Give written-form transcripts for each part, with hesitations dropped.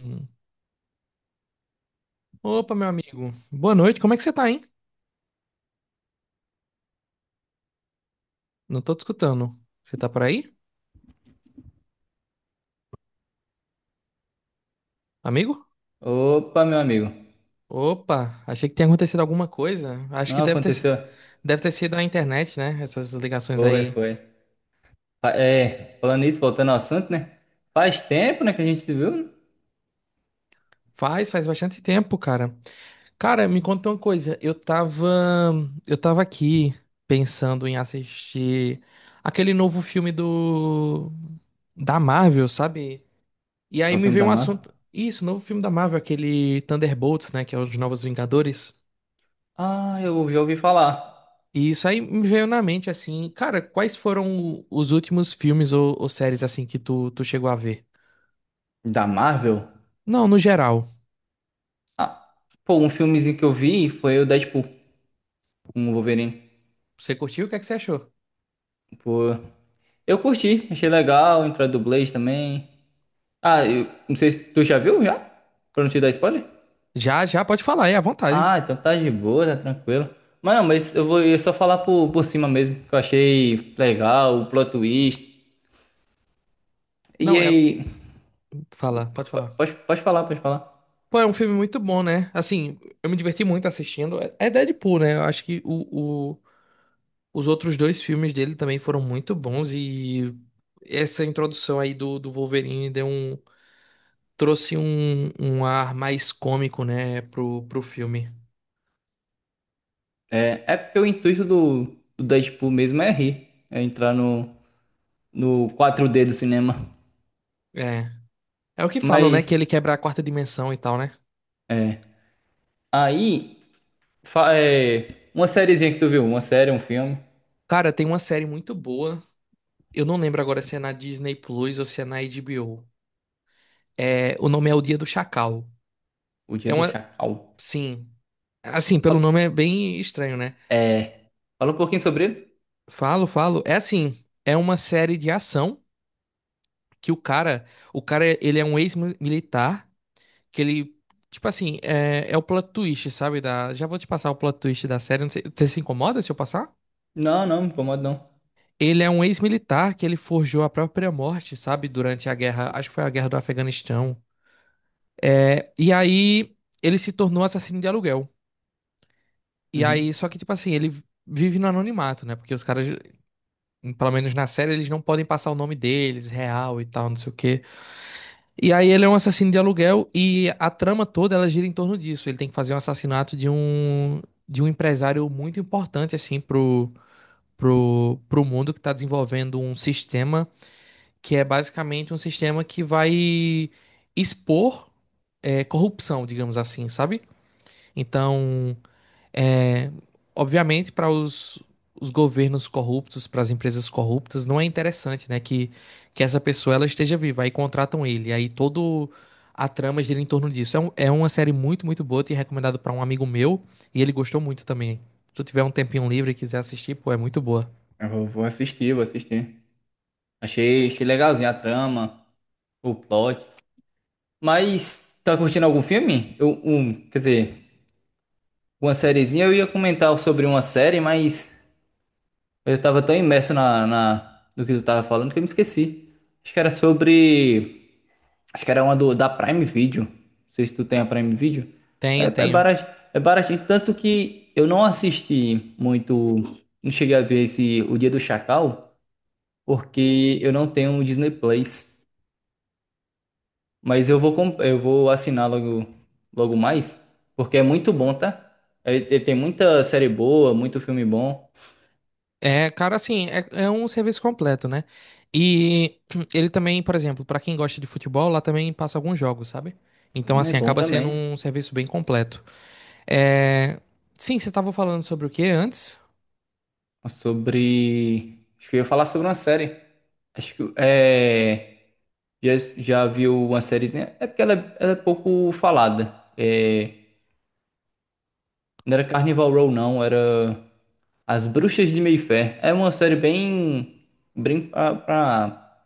Hum. Opa, meu amigo. Boa noite. Como é que você tá, hein? Não tô te escutando. Você tá por aí, amigo? Opa, meu amigo. Opa, achei que tinha acontecido alguma coisa. Acho que Não aconteceu? deve ter sido a internet, né? Essas ligações Foi, aí. foi. Falando isso, voltando ao assunto, né? Faz tempo, né, que a gente se viu, né? Faz bastante tempo, cara. Cara, me conta uma coisa. Eu tava aqui pensando em assistir aquele novo filme do da Marvel, sabe? E aí No me filme veio da um Marvel. assunto. Isso, novo filme da Marvel, aquele Thunderbolts, né? Que é os Novos Vingadores. Ah, eu já ouvi falar. E isso aí me veio na mente assim, cara, quais foram os últimos filmes ou séries assim que tu chegou a ver? Da Marvel? Não, no geral. Ah, Pô, um filmezinho que eu vi foi o Deadpool, com o Wolverine. Você curtiu? O que é que você achou? Pô, eu curti, achei legal, entrou a dublês também. Ah, eu não sei se tu já viu, já? Pra não te dar spoiler? Já, já, pode falar, é à vontade. Ah, então tá de boa, tá tranquilo. Mas não, mas eu só falar por cima mesmo, que eu achei legal, o plot twist. E Não, é. aí, Fala, pode falar. pode falar. Pô, é um filme muito bom, né? Assim, eu me diverti muito assistindo. É Deadpool, né? Eu acho que os outros dois filmes dele também foram muito bons e essa introdução aí do Wolverine trouxe um, um ar mais cômico, né, pro filme. É, é porque o intuito do Deadpool mesmo é rir, é entrar no 4D do cinema. É. É o que falam, né? Que Mas, ele quebra a quarta dimensão e tal, né? é. Aí, uma sériezinha que tu viu, uma série, um filme, Cara, tem uma série muito boa. Eu não lembro agora se é na Disney Plus ou se é na HBO. É, o nome é O Dia do Chacal. O Dia É do uma. Chacal. Sim. Assim, pelo Fala- nome é bem estranho, né? É, fala um pouquinho sobre ele? Falo, falo. É assim. É uma série de ação que o cara. O cara, ele é um ex-militar. Que ele. Tipo assim, é o plot twist, sabe? Da, já vou te passar o plot twist da série. Não sei- você se incomoda se eu passar? Não, não, me incomoda não. Ele é um ex-militar que ele forjou a própria morte, sabe? Durante a guerra, acho que foi a guerra do Afeganistão. É, e aí ele se tornou assassino de aluguel. E aí, Uhum. só que, tipo assim, ele vive no anonimato, né? Porque os caras, pelo menos na série, eles não podem passar o nome deles, real e tal, não sei o quê. E aí ele é um assassino de aluguel e a trama toda ela gira em torno disso. Ele tem que fazer um assassinato de um empresário muito importante, assim, pro mundo que tá desenvolvendo um sistema que é basicamente um sistema que vai expor corrupção, digamos assim, sabe? Então, é, obviamente, para os governos corruptos, para as empresas corruptas, não é interessante, né, que essa pessoa ela esteja viva. Aí contratam ele, aí todo a trama gira em torno disso. É uma série muito, muito boa, te recomendado para um amigo meu e ele gostou muito também. Se tu tiver um tempinho livre e quiser assistir, pô, é muito boa. Eu vou, vou assistir, vou assistir. Achei, achei legalzinho a trama, o plot. Mas, tá curtindo algum filme? Eu, um, quer dizer, uma sériezinha. Eu ia comentar sobre uma série, mas eu tava tão imerso na, no que tu tava falando que eu me esqueci. Acho que era sobre. Acho que era uma do, da Prime Video. Não sei se tu tem a Prime Video. É, Tenho, é tenho. barato, é baratinho. Tanto que eu não assisti muito. Não cheguei a ver esse O Dia do Chacal, porque eu não tenho o Disney Plus. Mas eu vou, eu vou assinar logo, logo mais, porque é muito bom, tá? Tem muita série boa, muito filme bom. É, cara, assim, é um serviço completo, né? E ele também, por exemplo, pra quem gosta de futebol, lá também passa alguns jogos, sabe? Então, Um é assim, bom acaba sendo também. um serviço bem completo. É... Sim, você tava falando sobre o que antes? Sobre. Acho que eu ia falar sobre uma série. Acho que é. Já, já viu uma sériezinha? É porque ela é pouco falada. É, não era Carnival Row, não. Era As Bruxas de Mayfair. É uma série bem. Bem pra, pra,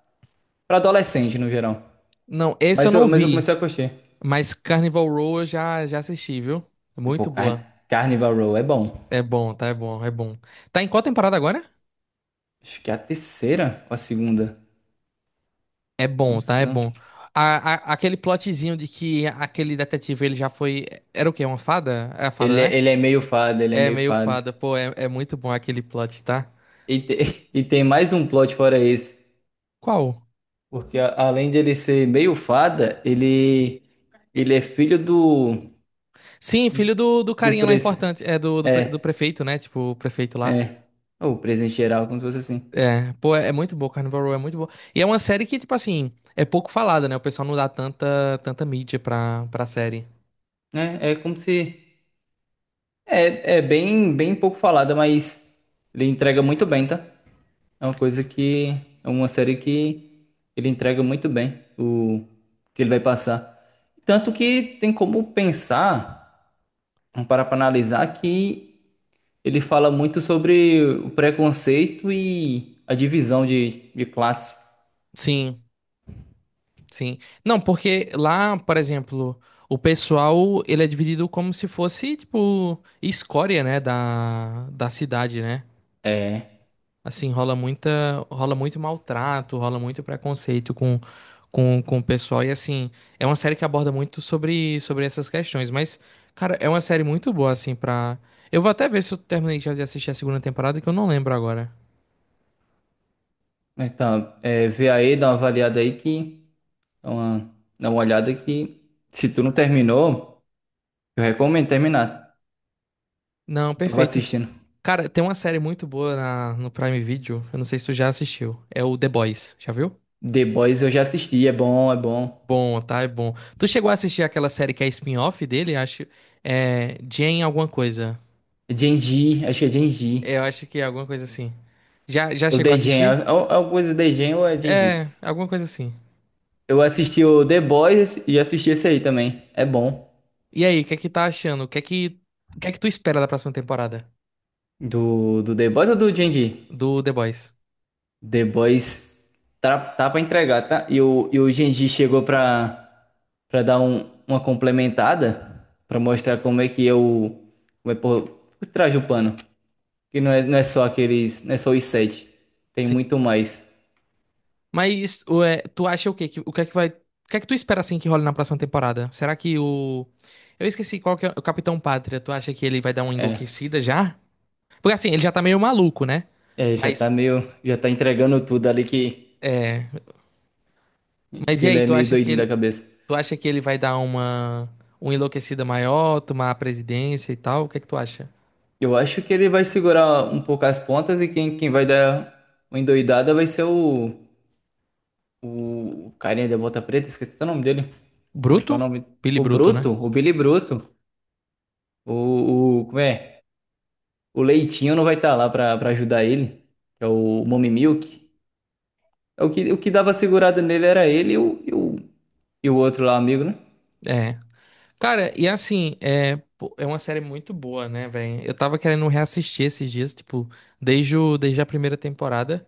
pra adolescente, no geral. Não, esse eu não Mas eu vi, comecei a curtir. mas Carnival Row eu já assisti, viu? E, pô, Muito boa. Carnival Row é bom. É bom, tá? É bom, é bom. Tá em qual temporada agora? Acho que é a terceira ou a segunda. É bom, Não tá? É sei. bom. Aquele plotzinho de que aquele detetive ele já foi. Era o quê? Uma fada? É a fada, Ele, né? Ele é meio fado, ele é É meio meio fado. fada, pô, é muito bom aquele plot, tá? E, e tem mais um plot fora esse, Qual? porque além dele ser meio fada, ele é filho do Sim, filho do do carinha lá pres importante, é é do prefeito, né? Tipo, o prefeito lá. é ou presidente geral, como se fosse assim. É, pô, é muito boa, Carnival Row é muito boa. E é uma série que, tipo assim, é pouco falada, né? O pessoal não dá tanta mídia pra série. É, é como se é, é bem bem pouco falada, mas ele entrega muito bem, tá? É uma coisa que é uma série que ele entrega muito bem o que ele vai passar. Tanto que tem como pensar, vamos parar pra analisar que ele fala muito sobre o preconceito e a divisão de classe. Sim, sim. Não, porque lá, por exemplo, o pessoal, ele é dividido como se fosse, tipo, escória, né? Da cidade, né? É, Assim, rola muito maltrato, rola muito preconceito com o pessoal. E assim, é uma série que aborda muito sobre essas questões. Mas, cara, é uma série muito boa, assim, pra. Eu vou até ver se eu terminei já de assistir a segunda temporada, que eu não lembro agora. então, é, vê aí, dá uma avaliada aí que dá uma olhada que se tu não terminou, eu recomendo terminar. Não, Eu tava perfeito. assistindo. Cara, tem uma série muito boa no Prime Video. Eu não sei se tu já assistiu. É o The Boys. Já viu? The Boys eu já assisti, é bom, é bom. Bom, tá? É bom. Tu chegou a assistir aquela série que é spin-off dele? Acho. É. Jane alguma coisa. Genji, acho que é Genji. Eu acho que é alguma coisa assim. Já, já Ou chegou a The Gen, assistir? é é uma coisa The Gen ou é Genji. É, alguma coisa assim. Eu assisti o The Boys e assisti esse aí também. É bom. E aí, o que é que tá achando? O que é que tu espera da próxima temporada Do, do The Boys ou do Genji? do The Boys? The Boys tá, tá pra entregar, tá? E o Genji chegou pra, pra dar uma complementada, pra mostrar como é que eu. Como é por trás do pano. Que não é, não é só aqueles. Não é só os sete. Tem Sim. muito mais. Mas o, é, tu acha o quê? Que- o que é que tu espera assim que role na próxima temporada? Será que o eu esqueci qual que é o Capitão Pátria. Tu acha que ele vai dar uma É, enlouquecida já? Porque assim, ele já tá meio maluco, né? é, já tá Mas meio. Já tá entregando tudo ali é, que e ele aí, é tu meio acha que doidinho da ele, cabeça. tu acha que ele vai dar uma enlouquecida maior, tomar a presidência e tal? O que é que tu acha? Eu acho que ele vai segurar um pouco as pontas e quem, quem vai dar uma endoidada vai ser o. O, carinha da bota preta, esqueci o nome dele. Como é que é o Bruto? nome? Billy O Bruto, Bruto, né? o Billy Bruto. Como é? O Leitinho não vai estar lá pra, pra ajudar ele. Que é o Mommy Milk. É o que dava segurada nele era ele e o outro lá, amigo, né? É. Cara, e assim, pô, é uma série muito boa, né, velho? Eu tava querendo reassistir esses dias, tipo, desde, o, desde a primeira temporada.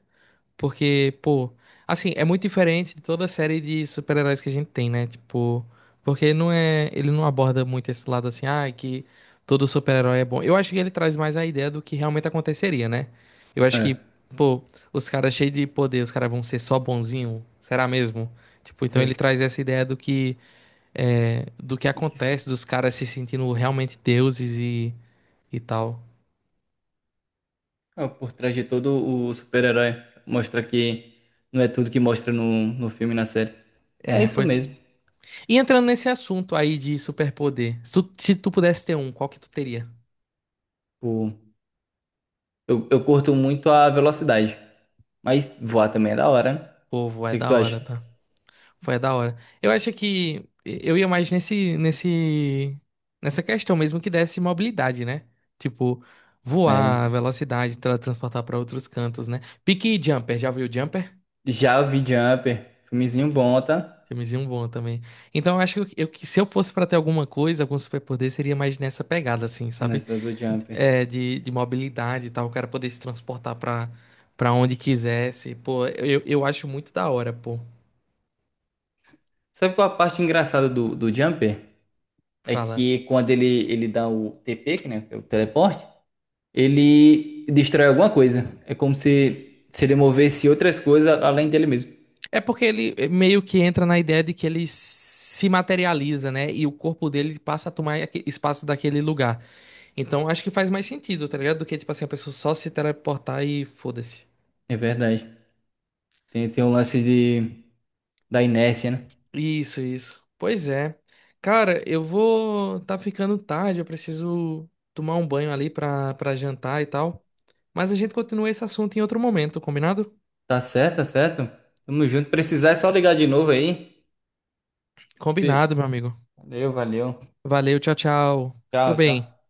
Porque, pô, assim, é muito diferente de toda a série de super-heróis que a gente tem, né? Tipo, porque não é, ele não aborda muito esse lado assim, ah, que todo super-herói é bom. Eu acho que ele traz mais a ideia do que realmente aconteceria, né? Eu acho que, É. pô, os caras cheios de poder, os caras vão ser só bonzinho, será mesmo? Tipo, então Sei. ele traz essa ideia do que do que O que s- acontece, dos caras se sentindo realmente deuses e tal. ah, por trás de todo o super-herói. Mostra que não é tudo que mostra no, no filme e na série. É É, isso pois mesmo. e entrando nesse assunto aí de superpoder, se tu pudesse ter um, qual que tu teria? Tipo, eu curto muito a velocidade. Mas voar também é da hora, né? Povo, O é que é que da tu acha? hora, tá? Foi da hora. Eu acho que eu ia mais nessa questão mesmo que desse mobilidade, né? Tipo, É. voar, velocidade, teletransportar pra outros cantos, né? Pique e Jumper, já viu Jumper? Já eu vi Jumper, filmezinho bom, tá? Filmezinho bom também. Então, eu acho que eu, que se eu fosse pra ter alguma coisa, algum superpoder, seria mais nessa pegada, assim, sabe? Nessa do Jumper. É, de mobilidade e tal, o cara poder se transportar pra onde quisesse. Pô, eu acho muito da hora, pô. Sabe qual a parte engraçada do Jumper? É Fala. que quando ele dá o TP, que, né, que é o teleporte, ele destrói alguma coisa. É como se ele movesse outras coisas além dele mesmo. É porque ele meio que entra na ideia de que ele se materializa, né? E o corpo dele passa a tomar aque- espaço daquele lugar. Então, acho que faz mais sentido, tá ligado? Do que, tipo assim, a pessoa só se teleportar e foda-se. É verdade. Tem, tem um lance de, da inércia, né? Isso, isso. Pois é. Cara, eu vou. Tá ficando tarde, eu preciso tomar um banho ali pra jantar e tal. Mas a gente continua esse assunto em outro momento, combinado? Tá certo, tá certo. Tamo junto. Precisar é só ligar de novo aí. Sim. Combinado, meu amigo. Valeu, valeu. Valeu, tchau, tchau. Fica Tchau, tchau. bem.